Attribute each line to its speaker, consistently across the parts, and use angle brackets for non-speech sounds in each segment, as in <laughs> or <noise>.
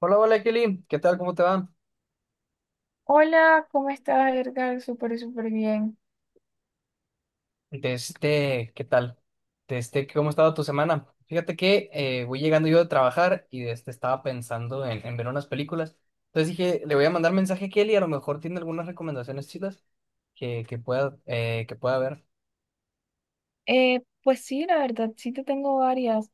Speaker 1: Hola, hola Kelly, ¿qué tal? ¿Cómo te va?
Speaker 2: Hola, ¿cómo estás, Edgar? Súper, súper bien.
Speaker 1: ¿Qué tal? ¿Cómo ha estado tu semana? Fíjate que voy llegando yo de trabajar y de este estaba pensando en ver unas películas. Entonces dije, le voy a mandar mensaje a Kelly, a lo mejor tiene algunas recomendaciones chidas que pueda, que pueda ver.
Speaker 2: Pues sí, la verdad, sí te tengo varias.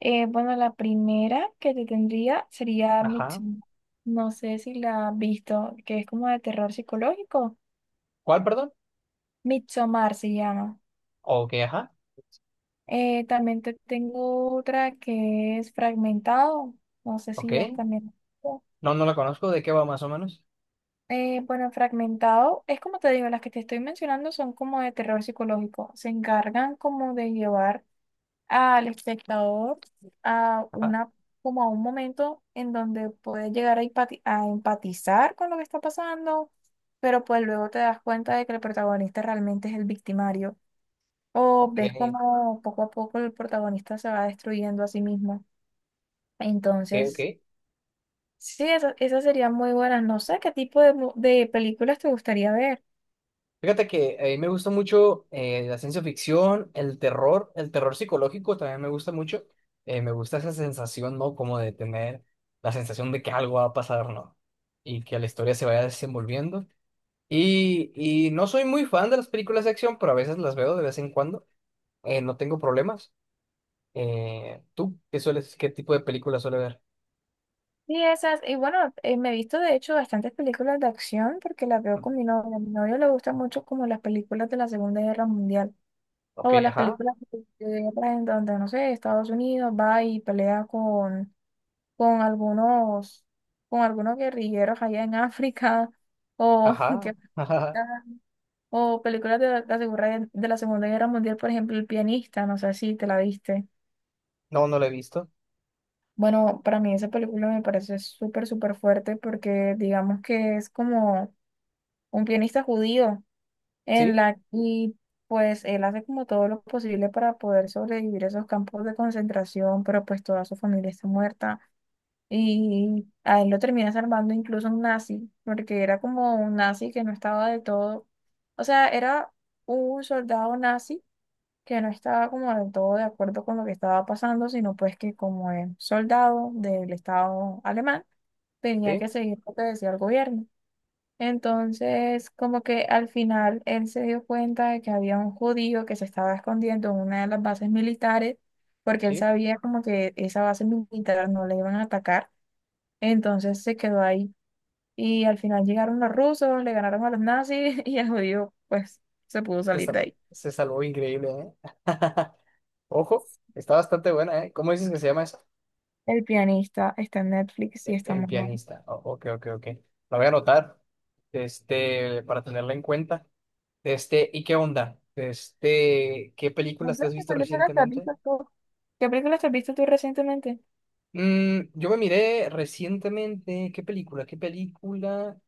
Speaker 2: Bueno, la primera que te tendría sería
Speaker 1: Ajá.
Speaker 2: Midsommar. No sé si la has visto, que es como de terror psicológico.
Speaker 1: ¿Cuál, perdón?
Speaker 2: Midsommar se llama.
Speaker 1: Ok, ajá.
Speaker 2: También te tengo otra que es Fragmentado. No sé
Speaker 1: Ok.
Speaker 2: si ya también.
Speaker 1: No, no la conozco. ¿De qué va más o menos?
Speaker 2: Bueno, Fragmentado es como te digo, las que te estoy mencionando son como de terror psicológico. Se encargan como de llevar al espectador a
Speaker 1: Ajá.
Speaker 2: una como a un momento en donde puedes llegar a empatizar con lo que está pasando, pero pues luego te das cuenta de que el protagonista realmente es el victimario o
Speaker 1: Ok,
Speaker 2: ves como poco a poco el protagonista se va destruyendo a sí mismo.
Speaker 1: ok,
Speaker 2: Entonces,
Speaker 1: ok.
Speaker 2: sí, esas serían muy buenas. No sé qué tipo de películas te gustaría ver.
Speaker 1: Fíjate que a mí me gusta mucho la ciencia ficción, el terror psicológico también me gusta mucho. Me gusta esa sensación, ¿no? Como de tener la sensación de que algo va a pasar, ¿no? Y que la historia se vaya desenvolviendo. Y no soy muy fan de las películas de acción, pero a veces las veo de vez en cuando. No tengo problemas. ¿Tú qué sueles, qué tipo de películas suele ver?
Speaker 2: Sí, esas, y bueno, me he visto de hecho bastantes películas de acción porque las veo con mi novio. A mi novio le gustan mucho como las películas de la Segunda Guerra Mundial
Speaker 1: Ok,
Speaker 2: o las
Speaker 1: ajá,
Speaker 2: películas de guerra en donde, no sé, Estados Unidos va y pelea con algunos, con algunos guerrilleros allá en África o, <laughs>
Speaker 1: ajá, <laughs> ajá.
Speaker 2: o películas de la Segunda Guerra Mundial, por ejemplo, El Pianista, no sé si te la viste.
Speaker 1: No, no lo he visto.
Speaker 2: Bueno, para mí esa película me parece súper, súper fuerte porque digamos que es como un pianista judío, en
Speaker 1: Sí,
Speaker 2: la y pues él hace como todo lo posible para poder sobrevivir a esos campos de concentración, pero pues toda su familia está muerta y a él lo termina salvando incluso un nazi, porque era como un nazi que no estaba de todo, o sea, era un soldado nazi que no estaba como del todo de acuerdo con lo que estaba pasando, sino pues que como es soldado del Estado alemán, tenía
Speaker 1: sí,
Speaker 2: que seguir lo que decía el gobierno. Entonces, como que al final él se dio cuenta de que había un judío que se estaba escondiendo en una de las bases militares, porque él
Speaker 1: sí.
Speaker 2: sabía como que esa base militar no le iban a atacar. Entonces se quedó ahí. Y al final llegaron los rusos, le ganaron a los nazis <laughs> y el judío pues se pudo salir de ahí.
Speaker 1: Se salvó increíble, ¿eh? <laughs> Ojo, está bastante buena, ¿eh? ¿Cómo dices que se llama eso?
Speaker 2: El Pianista está en Netflix y
Speaker 1: El,
Speaker 2: está
Speaker 1: el
Speaker 2: muy bueno.
Speaker 1: pianista. Ok, ok, ok. La voy a anotar, este, para tenerla en cuenta. Este, ¿y qué onda? Este, ¿qué
Speaker 2: No
Speaker 1: películas
Speaker 2: sé,
Speaker 1: te has
Speaker 2: ¿qué
Speaker 1: visto
Speaker 2: película te has
Speaker 1: recientemente?
Speaker 2: visto tú? ¿Qué película te has visto tú recientemente?
Speaker 1: Mm, yo me miré recientemente, ¿qué película? ¿Qué película?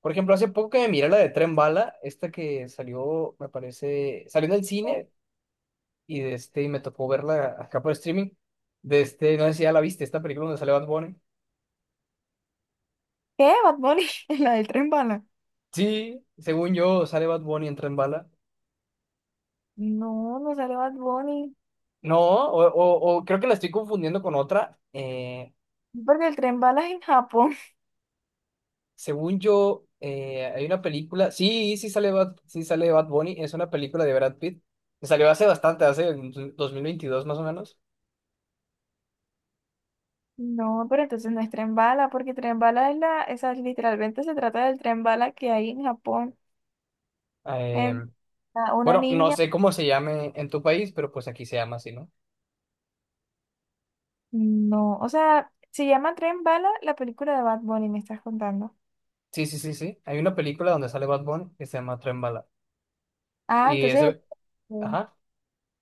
Speaker 1: Por ejemplo, hace poco que me miré la de Tren Bala, esta que salió, me parece, salió en el cine, y de este, y me tocó verla acá por streaming. De este, no sé si ya la viste, esta película donde sale Bad Bunny.
Speaker 2: ¿Qué? Bad Bunny, <laughs> la del tren bala.
Speaker 1: Sí, según yo, sale Bad Bunny, entra en bala.
Speaker 2: No, no sale Bad Bunny.
Speaker 1: No, o creo que la estoy confundiendo con otra.
Speaker 2: Porque el tren bala es en Japón.
Speaker 1: Según yo, hay una película. Sí, sí sale Bad Bunny. Es una película de Brad Pitt que salió hace bastante, hace en 2022 más o menos.
Speaker 2: No, pero entonces no es tren bala, porque tren bala esa literalmente se trata del tren bala que hay en Japón.
Speaker 1: Eh,
Speaker 2: En a una
Speaker 1: bueno, no
Speaker 2: niña,
Speaker 1: sé cómo se llame en tu país, pero pues aquí se llama así, ¿no?
Speaker 2: no, o sea, se llama Tren Bala la película de Bad Bunny, me estás contando.
Speaker 1: Sí, sí, sí, sí. Hay una película donde sale Bad Bunny que se llama Tren Bala.
Speaker 2: Ah,
Speaker 1: Y es,
Speaker 2: entonces.
Speaker 1: ajá,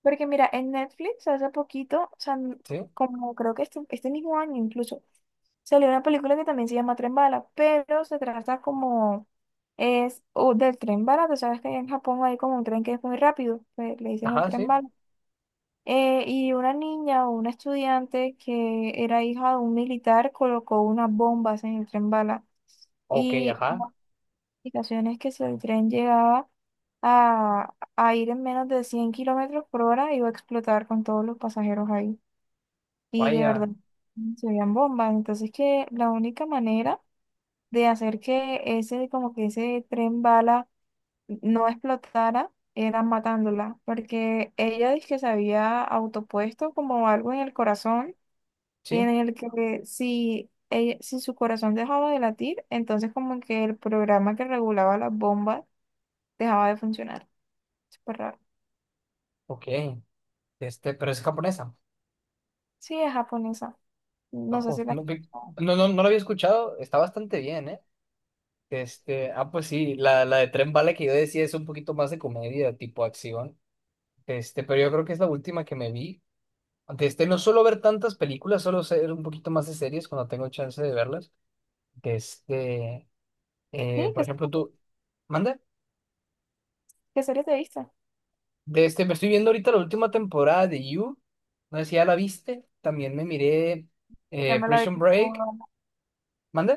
Speaker 2: Porque mira, en Netflix hace poquito, o sea,
Speaker 1: sí,
Speaker 2: como creo que este mismo año incluso, salió una película que también se llama Tren Bala, pero se trata como es o del tren bala, tú sabes que en Japón hay como un tren que es muy rápido, que le dicen el
Speaker 1: ajá,
Speaker 2: tren
Speaker 1: sí.
Speaker 2: bala. Y una niña o una estudiante que era hija de un militar colocó unas bombas en el tren bala.
Speaker 1: Ok,
Speaker 2: Y
Speaker 1: ajá.
Speaker 2: Ocasiones que si el tren llegaba a ir en menos de 100 km/h, iba a explotar con todos los pasajeros ahí. Y de
Speaker 1: Vaya,
Speaker 2: verdad, se veían bombas. Entonces que la única manera de hacer que ese, como que ese tren bala no explotara era matándola, porque ella dice que se había autopuesto como algo en el corazón,
Speaker 1: sí,
Speaker 2: en el que si, si su corazón dejaba de latir, entonces como que el programa que regulaba las bombas dejaba de funcionar. Súper raro.
Speaker 1: ok. Este, pero es japonesa.
Speaker 2: Sí, es japonesa. No sé
Speaker 1: Ojo,
Speaker 2: si la...
Speaker 1: no, no, no lo había escuchado. Está bastante bien, ¿eh? Este, ah, pues sí, la de Tren Bala que yo decía es un poquito más de comedia, tipo acción. Este, pero yo creo que es la última que me vi. Este, no suelo ver tantas películas, solo ser un poquito más de series cuando tengo chance de verlas. Este,
Speaker 2: Sí,
Speaker 1: por
Speaker 2: ¿qué,
Speaker 1: ejemplo, tú, ¿mande?
Speaker 2: qué serie te viste?
Speaker 1: De este, me estoy viendo ahorita la última temporada de You. No sé si ya la viste. También me miré
Speaker 2: Ya me la
Speaker 1: Prison
Speaker 2: vi
Speaker 1: Break.
Speaker 2: toda.
Speaker 1: ¿Mande?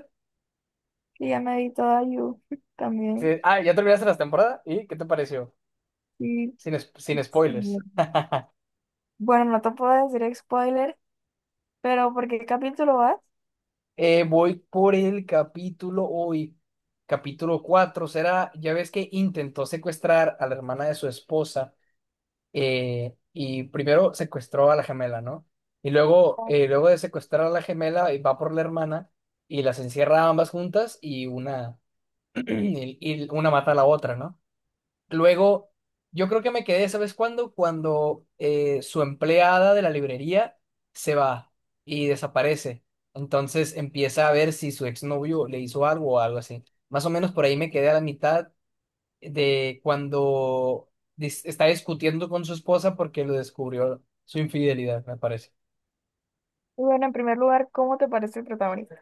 Speaker 2: Sí, ya me vi toda You <laughs>
Speaker 1: Sí,
Speaker 2: también.
Speaker 1: ah, ya terminaste la temporada. ¿Y qué te pareció?
Speaker 2: Sí.
Speaker 1: Sin spoilers.
Speaker 2: Sí. Bueno, no te puedo decir spoiler, pero ¿por qué capítulo vas?
Speaker 1: Voy por el capítulo hoy. Capítulo 4 será, ya ves que intentó secuestrar a la hermana de su esposa. Y primero secuestró a la gemela, ¿no? Y luego, luego de secuestrar a la gemela, va por la hermana y las encierra a ambas juntas y una mata a la otra, ¿no? Luego, yo creo que me quedé, ¿sabes cuándo? Cuando su empleada de la librería se va y desaparece. Entonces empieza a ver si su exnovio le hizo algo o algo así. Más o menos por ahí me quedé a la mitad de cuando está discutiendo con su esposa porque lo descubrió su infidelidad, me parece.
Speaker 2: Y bueno, en primer lugar, ¿cómo te parece el protagonista?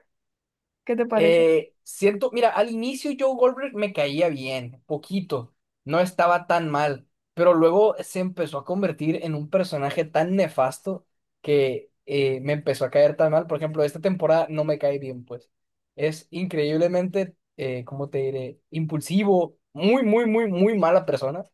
Speaker 2: ¿Qué te parece?
Speaker 1: Siento, mira, al inicio Joe Goldberg me caía bien, poquito, no estaba tan mal, pero luego se empezó a convertir en un personaje tan nefasto que me empezó a caer tan mal. Por ejemplo, esta temporada no me cae bien, pues. Es increíblemente, ¿cómo te diré? Impulsivo, muy, muy, muy, muy mala persona.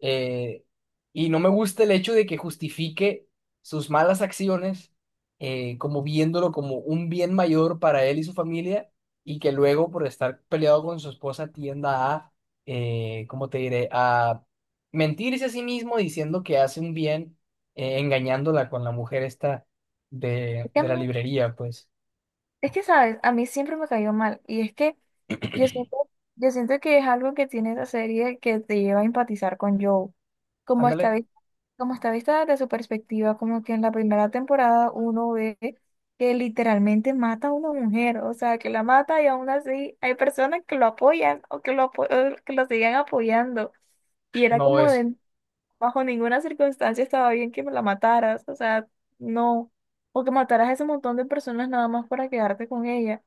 Speaker 1: Eh, y no me gusta el hecho de que justifique sus malas acciones como viéndolo como un bien mayor para él y su familia y que luego por estar peleado con su esposa tienda a, ¿cómo te diré?, a mentirse a sí mismo diciendo que hace un bien, engañándola con la mujer esta de,
Speaker 2: Es que a
Speaker 1: de
Speaker 2: mí
Speaker 1: la librería, pues,
Speaker 2: Es que, ¿sabes? A mí siempre me cayó mal. Y es que yo siento, yo siento que es algo que tiene esa serie que te lleva a empatizar con Joe. Como está,
Speaker 1: ándale,
Speaker 2: vis- como está vista desde su perspectiva, como que en la primera temporada uno ve que literalmente mata a una mujer. O sea, que la mata y aún así hay personas que lo apoyan o que lo sigan apoyando. Y era
Speaker 1: no
Speaker 2: como
Speaker 1: es,
Speaker 2: de, bajo ninguna circunstancia estaba bien que me la mataras, o sea, no, o que mataras a ese montón de personas nada más para quedarte con ella.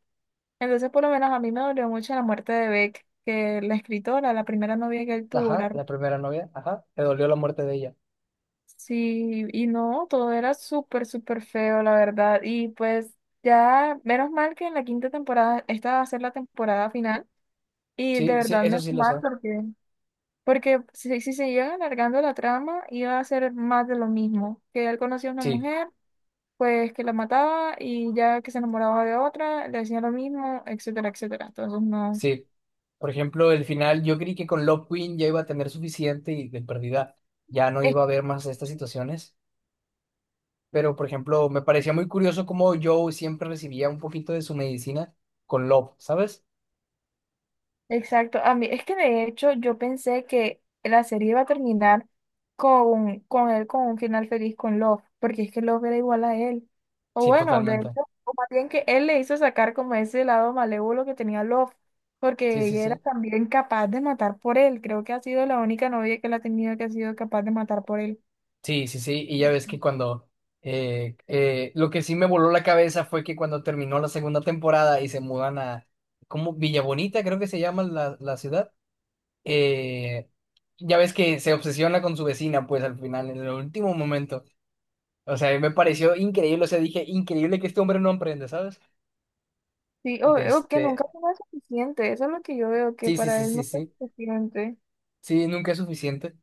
Speaker 2: Entonces, por lo menos a mí me dolió mucho la muerte de Beck, que la escritora, la primera novia que él tuvo,
Speaker 1: ajá,
Speaker 2: la-
Speaker 1: la primera novia, ajá, te dolió la muerte de ella.
Speaker 2: sí, y no, todo era súper, súper feo, la verdad, y pues ya, menos mal que en la quinta temporada, esta va a ser la temporada final, y de
Speaker 1: Sí, sí,
Speaker 2: verdad
Speaker 1: eso
Speaker 2: menos
Speaker 1: sí lo
Speaker 2: mal
Speaker 1: sé,
Speaker 2: porque... Porque si se llega alargando la trama, iba a ser más de lo mismo, que él conoció a una
Speaker 1: sí,
Speaker 2: mujer, pues que la mataba y ya que se enamoraba de otra, le decía lo mismo, etcétera, etcétera. Entonces no.
Speaker 1: sí. Por ejemplo, el final, yo creí que con Love Queen ya iba a tener suficiente y de perdida ya no
Speaker 2: Es-
Speaker 1: iba a haber más estas situaciones. Pero, por ejemplo, me parecía muy curioso cómo Joe siempre recibía un poquito de su medicina con Love, ¿sabes?
Speaker 2: Exacto, a mí es que de hecho yo pensé que la serie iba a terminar con él con un final feliz con Love, porque es que Love era igual a él. O
Speaker 1: Sí,
Speaker 2: bueno, de hecho,
Speaker 1: totalmente.
Speaker 2: o más bien que él le hizo sacar como ese lado malévolo que tenía Love,
Speaker 1: Sí,
Speaker 2: porque
Speaker 1: sí,
Speaker 2: ella era
Speaker 1: sí.
Speaker 2: también capaz de matar por él. Creo que ha sido la única novia que él ha tenido que ha sido capaz de matar por él.
Speaker 1: Sí, sí, sí. Y ya ves que cuando... lo que sí me voló la cabeza fue que cuando terminó la segunda temporada y se mudan a... ¿Cómo? Villa Bonita, creo que se llama la ciudad. eh, ya ves que se obsesiona con su vecina, pues al final, en el último momento. O sea, me pareció increíble. O sea, dije, increíble que este hombre no aprende, ¿sabes?
Speaker 2: Sí,
Speaker 1: De
Speaker 2: o que nunca
Speaker 1: este...
Speaker 2: fue suficiente, eso es lo que yo veo, que
Speaker 1: Sí, sí,
Speaker 2: para
Speaker 1: sí,
Speaker 2: él
Speaker 1: sí,
Speaker 2: no fue
Speaker 1: sí.
Speaker 2: suficiente.
Speaker 1: Sí, nunca es suficiente.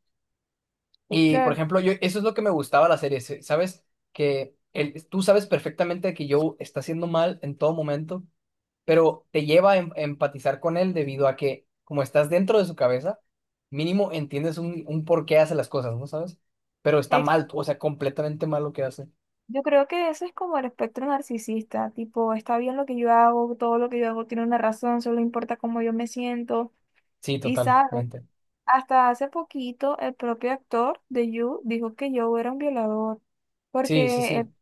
Speaker 1: Y por
Speaker 2: Claro,
Speaker 1: ejemplo, yo eso es lo que me gustaba de la serie, ¿sabes? Que el, tú sabes perfectamente que Joe está haciendo mal en todo momento, pero te lleva a empatizar con él debido a que, como estás dentro de su cabeza, mínimo entiendes un por qué hace las cosas, ¿no sabes? Pero está
Speaker 2: ex-
Speaker 1: mal, o sea, completamente mal lo que hace.
Speaker 2: yo creo que ese es como el espectro narcisista, tipo, está bien lo que yo hago, todo lo que yo hago tiene una razón, solo importa cómo yo me siento,
Speaker 1: Sí,
Speaker 2: y sabe.
Speaker 1: totalmente.
Speaker 2: Hasta hace poquito, el propio actor de You dijo que Joe era un violador,
Speaker 1: Sí, sí,
Speaker 2: porque él,
Speaker 1: sí.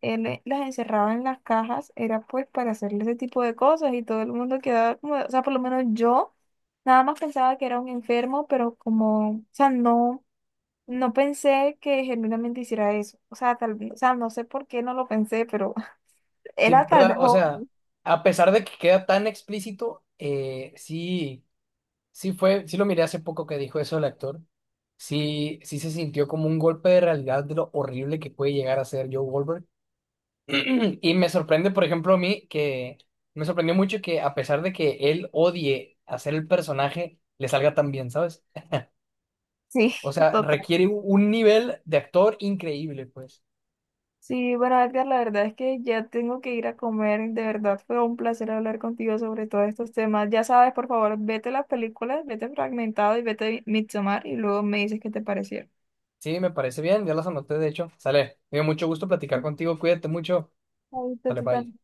Speaker 2: él las encerraba en las cajas, era pues para hacerle ese tipo de cosas y todo el mundo quedaba como, o sea, por lo menos yo nada más pensaba que era un enfermo, pero como, o sea, no, no pensé que genuinamente hiciera eso. O sea, tal vez, o sea, no sé por qué no lo pensé, pero <laughs>
Speaker 1: Sí,
Speaker 2: era tal
Speaker 1: ¿verdad?
Speaker 2: vez,
Speaker 1: O sea,
Speaker 2: joven.
Speaker 1: a pesar de que queda tan explícito, sí. Sí lo miré hace poco que dijo eso el actor. Sí, sí se sintió como un golpe de realidad de lo horrible que puede llegar a ser Joe Goldberg. <clears throat> Y me sorprende, por ejemplo, a mí que me sorprendió mucho que a pesar de que él odie hacer el personaje, le salga tan bien, ¿sabes?
Speaker 2: Sí,
Speaker 1: O
Speaker 2: <laughs>
Speaker 1: sea,
Speaker 2: total.
Speaker 1: requiere un nivel de actor increíble, pues.
Speaker 2: Sí, bueno, Edgar, la verdad es que ya tengo que ir a comer. De verdad fue un placer hablar contigo sobre todos estos temas. Ya sabes, por favor, vete las películas, vete Fragmentado y vete Midsommar y luego me dices qué te parecieron.
Speaker 1: Sí, me parece bien, ya las anoté, de hecho. Sale, me dio mucho gusto platicar contigo, cuídate mucho.
Speaker 2: Ahorita
Speaker 1: Sale,
Speaker 2: tú
Speaker 1: bye.
Speaker 2: también.